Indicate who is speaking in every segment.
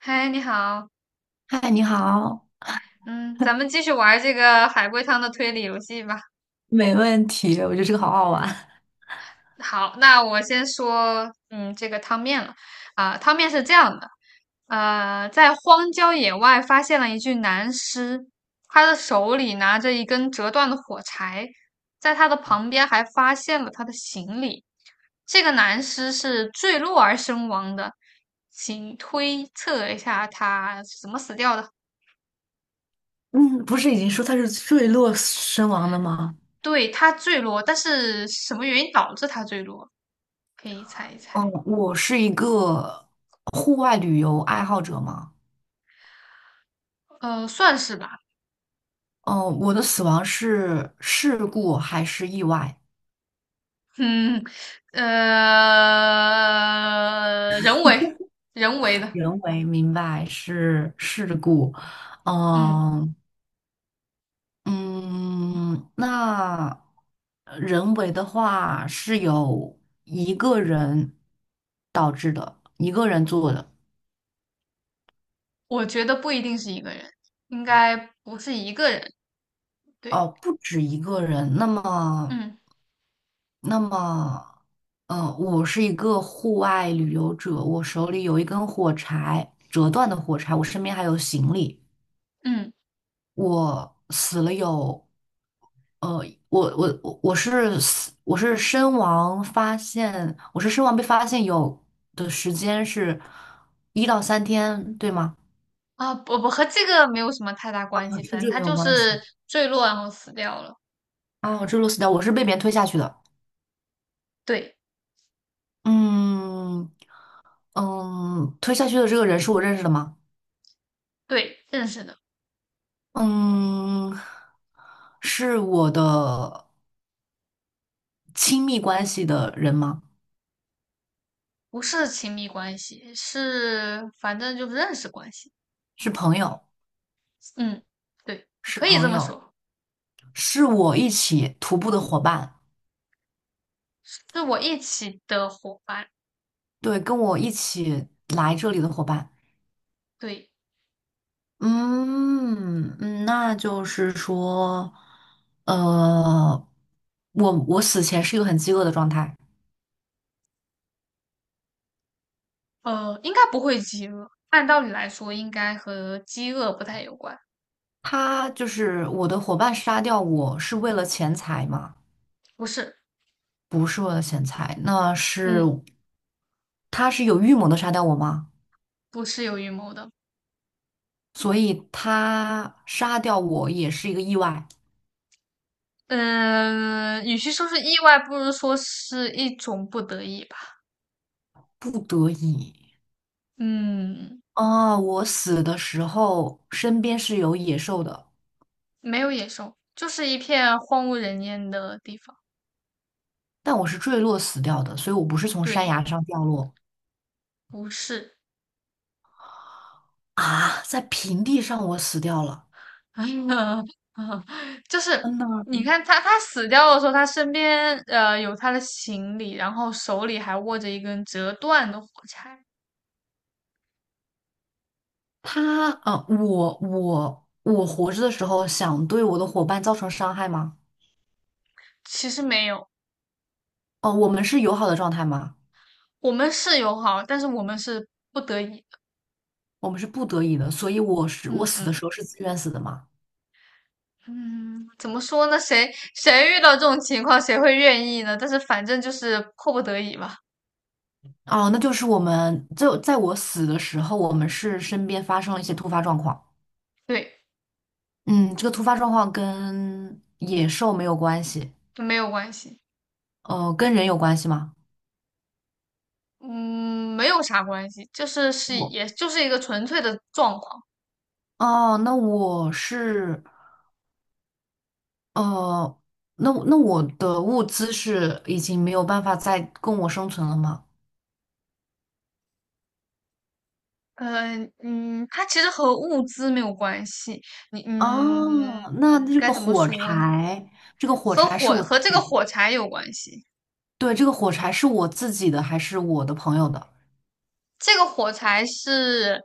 Speaker 1: 嗨，你好，
Speaker 2: 嗨，你好。
Speaker 1: 嗯，咱们继续玩儿这个海龟汤的推理游戏吧。
Speaker 2: 没问题，我觉得这个好好玩。
Speaker 1: 好，那我先说，这个汤面了。啊、汤面是这样的，在荒郊野外发现了一具男尸，他的手里拿着一根折断的火柴，在他的旁边还发现了他的行李。这个男尸是坠落而身亡的，请推测一下他是怎么死掉的。
Speaker 2: 嗯，不是已经说他是坠落身亡的吗？
Speaker 1: 对，他坠落，但是什么原因导致他坠落？可以猜一猜，
Speaker 2: 嗯，我是一个户外旅游爱好者嘛。
Speaker 1: 算是吧。
Speaker 2: 嗯，我的死亡是事故还是意外？
Speaker 1: 嗯，人为，人为的，
Speaker 2: 人为明白是事故，
Speaker 1: 嗯，
Speaker 2: 嗯嗯，那人为的话是有一个人导致的，一个人做的。
Speaker 1: 我觉得不一定是一个人，应该不是一个人，
Speaker 2: 哦，
Speaker 1: 对。
Speaker 2: 不止一个人。那么，
Speaker 1: 嗯
Speaker 2: 那么，呃，我是一个户外旅游者，我手里有一根火柴，折断的火柴，我身边还有行李。
Speaker 1: 嗯，
Speaker 2: 我死了有，呃，我是死，我是身亡发现，我是身亡被发现有的时间是一到三天，对吗？
Speaker 1: 啊，不不，和这个没有什么太大
Speaker 2: 啊，
Speaker 1: 关系，
Speaker 2: 这
Speaker 1: 反正
Speaker 2: 这个
Speaker 1: 他
Speaker 2: 没有
Speaker 1: 就
Speaker 2: 关
Speaker 1: 是
Speaker 2: 系。
Speaker 1: 坠落然后死掉了。
Speaker 2: 啊，我坠落死掉，我是被别人推下去的。
Speaker 1: 对
Speaker 2: 嗯推下去的这个人是我认识的吗？
Speaker 1: 对，认识的，
Speaker 2: 嗯，是我的亲密关系的人吗？
Speaker 1: 不是亲密关系，是反正就是认识关系。
Speaker 2: 是朋友，
Speaker 1: 嗯，对，
Speaker 2: 是
Speaker 1: 可以
Speaker 2: 朋
Speaker 1: 这么
Speaker 2: 友，
Speaker 1: 说，
Speaker 2: 是我一起徒步的伙伴，
Speaker 1: 是我一起的伙伴。
Speaker 2: 对，跟我一起来这里的伙伴。
Speaker 1: 对，
Speaker 2: 嗯,那就是说，呃，我我死前是一个很饥饿的状态。
Speaker 1: 应该不会饥饿，按道理来说应该和饥饿不太有关，
Speaker 2: 他就是我的伙伴杀掉我是为了钱财吗？
Speaker 1: 不是。
Speaker 2: 不是为了钱财，那是
Speaker 1: 嗯，
Speaker 2: 他是有预谋的杀掉我吗？
Speaker 1: 不是有预谋的。
Speaker 2: 所以他杀掉我也是一个意外，
Speaker 1: 嗯，与其说是意外，不如说是一种不得已吧。
Speaker 2: 不得已。
Speaker 1: 嗯，
Speaker 2: 哦，我死的时候身边是有野兽的，
Speaker 1: 没有野兽，就是一片荒无人烟的地方。
Speaker 2: 但我是坠落死掉的，所以我不是从山
Speaker 1: 对，
Speaker 2: 崖上掉落。
Speaker 1: 不是。
Speaker 2: 啊，在平地上我死掉了。
Speaker 1: 哎呀，啊，就是
Speaker 2: 嗯呐，
Speaker 1: 你看他，他死掉的时候，他身边有他的行李，然后手里还握着一根折断的火柴。
Speaker 2: 他，啊，我我我活着的时候想对我的伙伴造成伤害吗？
Speaker 1: 其实没有，
Speaker 2: 哦，我们是友好的状态吗？
Speaker 1: 我们是友好，但是我们是不得已的。
Speaker 2: 我们是不得已的，所以我
Speaker 1: 嗯
Speaker 2: 死的
Speaker 1: 嗯
Speaker 2: 时候是自愿死的吗？
Speaker 1: 嗯，怎么说呢？谁遇到这种情况，谁会愿意呢？但是反正就是迫不得已吧。
Speaker 2: 哦，那就是我们就在我死的时候，我们是身边发生了一些突发状况。
Speaker 1: 对，
Speaker 2: 嗯，这个突发状况跟野兽没有关系，
Speaker 1: 没有关系，
Speaker 2: 跟人有关系吗？
Speaker 1: 嗯，没有啥关系，就是
Speaker 2: 我
Speaker 1: 就是一个纯粹的状况。
Speaker 2: 哦，呃，那那我的物资是已经没有办法再供我生存了吗？
Speaker 1: 嗯，它其实和物资没有关系。你嗯，
Speaker 2: 哦，那这
Speaker 1: 该
Speaker 2: 个
Speaker 1: 怎么
Speaker 2: 火
Speaker 1: 说呢？
Speaker 2: 柴，这个火
Speaker 1: 和
Speaker 2: 柴是
Speaker 1: 火
Speaker 2: 我自
Speaker 1: 和这个
Speaker 2: 己，
Speaker 1: 火柴有关系。
Speaker 2: 对，这个火柴是我自己的还是我的朋友的？
Speaker 1: 这个火柴是，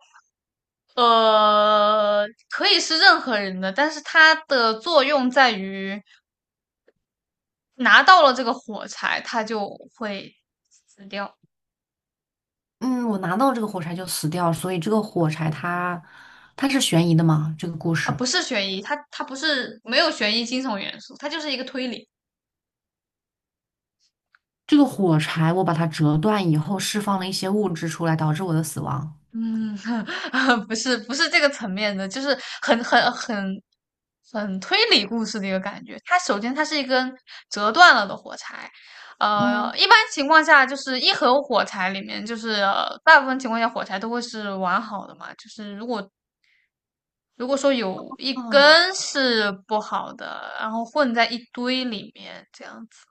Speaker 1: 可以是任何人的，但是它的作用在于拿到了这个火柴，它就会死掉。
Speaker 2: 嗯，我拿到这个火柴就死掉，所以这个火柴它是悬疑的吗？这个故
Speaker 1: 啊，
Speaker 2: 事，
Speaker 1: 不是悬疑，它不是没有悬疑惊悚元素，它就是一个推理。
Speaker 2: 这个火柴我把它折断以后，释放了一些物质出来，导致我的死亡。
Speaker 1: 嗯，不是不是这个层面的，就是很很很很推理故事的一个感觉。它首先它是一根折断了的火柴，
Speaker 2: 嗯，
Speaker 1: 一般情况下就是一盒火柴里面，就是大部分情况下火柴都会是完好的嘛，就是如果说有一
Speaker 2: 啊，
Speaker 1: 根是不好的，然后混在一堆里面这样子。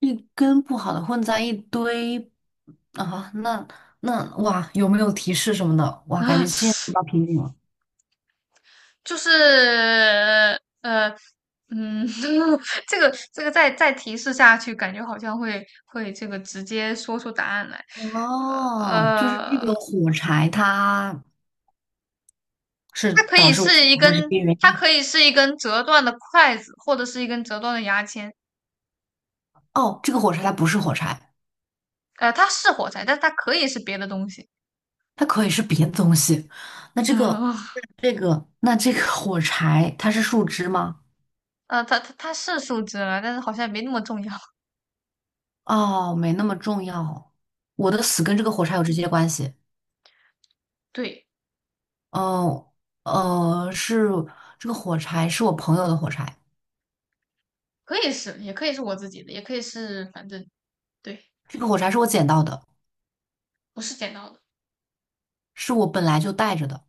Speaker 2: 一根不好的混在一堆。啊，那那哇，有没有提示什么的？哇，感觉现在遇到瓶颈了。
Speaker 1: 就是呃嗯，这个再提示下去，感觉好像会这个直接说出答案来。呃
Speaker 2: 哦，就是这个
Speaker 1: 呃，
Speaker 2: 火柴它
Speaker 1: 它
Speaker 2: 是
Speaker 1: 可
Speaker 2: 导
Speaker 1: 以
Speaker 2: 致我
Speaker 1: 是
Speaker 2: 死
Speaker 1: 一
Speaker 2: 亡的直
Speaker 1: 根，
Speaker 2: 接原
Speaker 1: 它
Speaker 2: 因。
Speaker 1: 可以是一根折断的筷子，或者是一根折断的牙签。
Speaker 2: 哦，这个火柴它不是火柴。
Speaker 1: 呃，它是火柴，但它可以是别的东西。
Speaker 2: 它可以是别的东西。那这个，
Speaker 1: 嗯，
Speaker 2: 那这个 火柴，它是树枝吗？
Speaker 1: 它是树枝了，但是好像也没那么重要。
Speaker 2: 哦，没那么重要。我的死跟这个
Speaker 1: 嗯，
Speaker 2: 火柴有直接关系。
Speaker 1: 对，
Speaker 2: 哦，是这个火柴是我朋友的火柴，
Speaker 1: 可以是，也可以是我自己的，也可以是，反正对，
Speaker 2: 这个火柴是我捡到的，
Speaker 1: 不是剪刀的。
Speaker 2: 是我本来就带着的。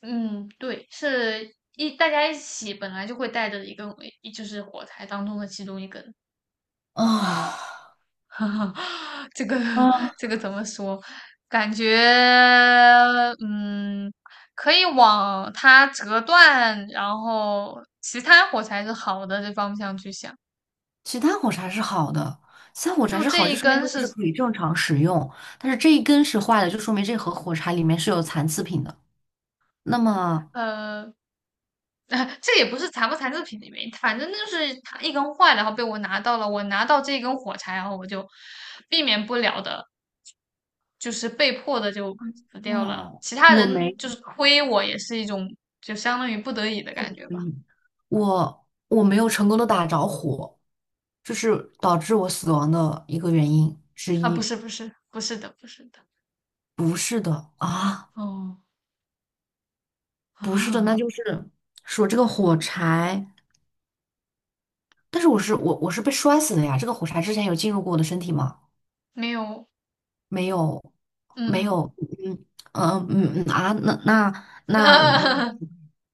Speaker 1: 嗯，对，是大家一起本来就会带着一个，就是火柴当中的其中一根。
Speaker 2: 啊、
Speaker 1: 这个
Speaker 2: 啊，
Speaker 1: 这个怎么说？感觉嗯，可以往它折断，然后其他火柴是好的这方向去想。
Speaker 2: 其他火柴是好的，其他火柴
Speaker 1: 就
Speaker 2: 是好，
Speaker 1: 这
Speaker 2: 就
Speaker 1: 一
Speaker 2: 说明
Speaker 1: 根
Speaker 2: 它就是
Speaker 1: 是
Speaker 2: 可以正常使用。但是这一根是坏的，就说明这盒火柴里面是有残次品的。那么，
Speaker 1: 呃，这也不是残不残制品的原因，反正就是它一根坏了，然后被我拿到了，我拿到这一根火柴，然后我就避免不了的。就是被迫的就死掉了。
Speaker 2: 嗯，
Speaker 1: 其他
Speaker 2: 我
Speaker 1: 人
Speaker 2: 没
Speaker 1: 就是推我，也是一种就相当于不得已的感觉吧。
Speaker 2: 嗯，我我没有成功的打着火，这是导致我死亡的一个原因之
Speaker 1: 啊，
Speaker 2: 一。
Speaker 1: 不是的。
Speaker 2: 不是的啊，
Speaker 1: 哦，
Speaker 2: 不是的，那
Speaker 1: 啊，
Speaker 2: 就是说这个火柴，但是我我是被摔死的呀。这个火柴之前有进入过我的身体吗？
Speaker 1: 没有。
Speaker 2: 没有，没
Speaker 1: 嗯
Speaker 2: 有，嗯嗯嗯啊，那那那，
Speaker 1: 嗯，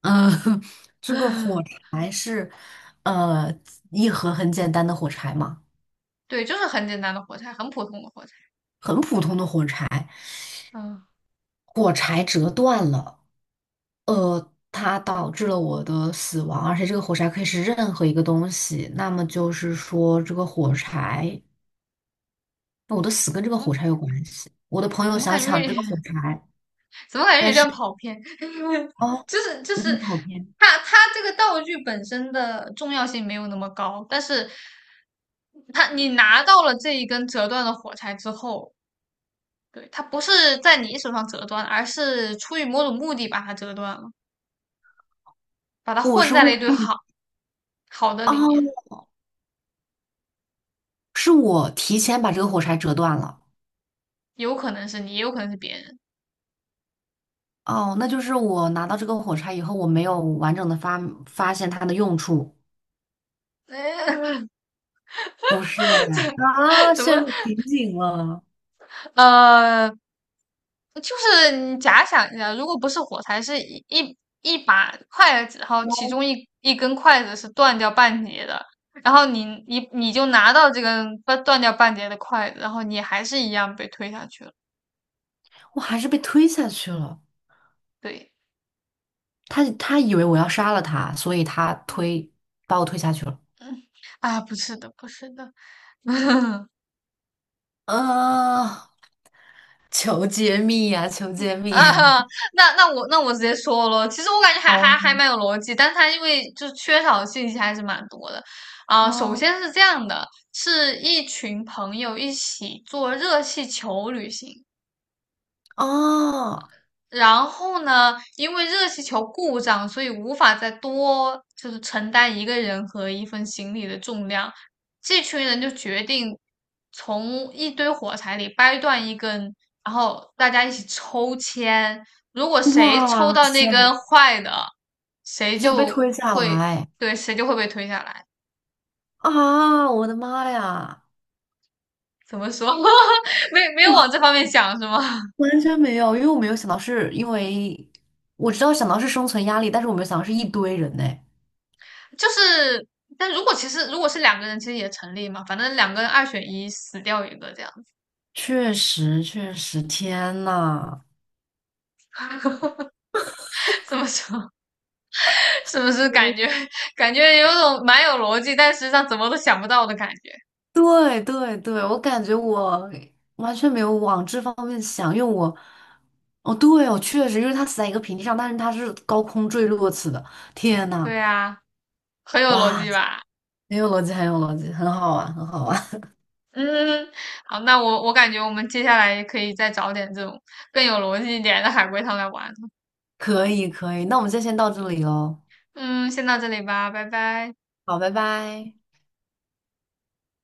Speaker 2: 嗯，这个火 是呃一盒很简单的火柴嘛，
Speaker 1: 对，就是很简单的火柴，很普通的火柴。
Speaker 2: 很普通的火柴，
Speaker 1: 嗯，
Speaker 2: 火柴折断了。它导致了我的死亡，而且这个火柴可以是任何一个东西。那么就是说，这个火柴，我的死跟这
Speaker 1: 怎
Speaker 2: 个火
Speaker 1: 么
Speaker 2: 柴有关系。我的朋友
Speaker 1: 怎么
Speaker 2: 想
Speaker 1: 感觉
Speaker 2: 抢
Speaker 1: 有
Speaker 2: 这个火
Speaker 1: 点
Speaker 2: 柴，
Speaker 1: 怎么感觉
Speaker 2: 但
Speaker 1: 有点
Speaker 2: 是
Speaker 1: 跑偏？
Speaker 2: 哦，
Speaker 1: 就
Speaker 2: 有点
Speaker 1: 是
Speaker 2: 跑偏。
Speaker 1: 这个道具本身的重要性没有那么高，但是它你拿到了这一根折断的火柴之后，对，它不是在你手上折断，而是出于某种目的把它折断了，把它
Speaker 2: 我
Speaker 1: 混
Speaker 2: 是
Speaker 1: 在
Speaker 2: 为
Speaker 1: 了一
Speaker 2: 了
Speaker 1: 堆
Speaker 2: 避
Speaker 1: 好的里面，
Speaker 2: 哦，是我提前把这个火柴折断了。
Speaker 1: 有可能是你，也有可能是别人。
Speaker 2: 哦，那就是我拿到这个火柴以后，我没有完整的发现它的用处。不是哎啊，
Speaker 1: 怎
Speaker 2: 陷
Speaker 1: 么？
Speaker 2: 入瓶颈了，
Speaker 1: 呃，就是你假想一下，如果不是火柴，是一把筷子，然后其中一根筷子是断掉半截的，然后你就拿到这根断掉半截的筷子，然后你还是一样被推下去了。
Speaker 2: 我还是被推下去了。
Speaker 1: 对，
Speaker 2: 他以为我要杀了他，所以他
Speaker 1: 嗯
Speaker 2: 推
Speaker 1: 嗯，啊，不是的。
Speaker 2: 啊，求揭秘呀、求揭 秘！
Speaker 1: 啊，哈，那我直接说咯，其实我感觉还
Speaker 2: 哦
Speaker 1: 蛮有逻辑，但是它因为就是缺少的信息还是蛮多的。啊、首
Speaker 2: 哦
Speaker 1: 先是这样的，是一群朋友一起做热气球旅行，
Speaker 2: 啊！
Speaker 1: 然后呢，因为热气球故障，所以无法再多就是承担一个人和一份行李的重量。这群人就决定从一堆火柴里掰断一根，然后大家一起抽签。如果谁抽
Speaker 2: 哇
Speaker 1: 到
Speaker 2: 塞，
Speaker 1: 那根坏的，谁
Speaker 2: 他就要被
Speaker 1: 就
Speaker 2: 推下
Speaker 1: 会，
Speaker 2: 来。
Speaker 1: 对，谁就会被推下来。
Speaker 2: 啊！我的妈呀，
Speaker 1: 怎么说？没有往这方面想是吗？
Speaker 2: 完全没有，因为我没有想到是因为我知道想到是生存压力，但是我没有想到是一堆人呢。
Speaker 1: 就是，但如果其实如果是两个人，其实也成立嘛。反正两个人二选一，死掉一个这样。
Speaker 2: 确实，确实，天呐！
Speaker 1: 这么说是不是感觉有种蛮有逻辑，但实际上怎么都想不到的感觉？
Speaker 2: 对对对，我感觉我完全没有往这方面想，因为我，哦，对哦，我确实，因为它死在一个平地上，但是它是高空坠落死的。天呐，
Speaker 1: 对啊，很有逻
Speaker 2: 哇，
Speaker 1: 辑吧？
Speaker 2: 很有逻辑，很有逻辑，很好玩，很好
Speaker 1: 嗯，
Speaker 2: 玩。
Speaker 1: 嗯，好，我感觉我们接下来可以再找点这种更有逻辑一点的海龟汤来玩。
Speaker 2: 可以，可以，那我们就先到这里喽。
Speaker 1: 嗯，先到这里吧，拜拜。
Speaker 2: 好，拜拜。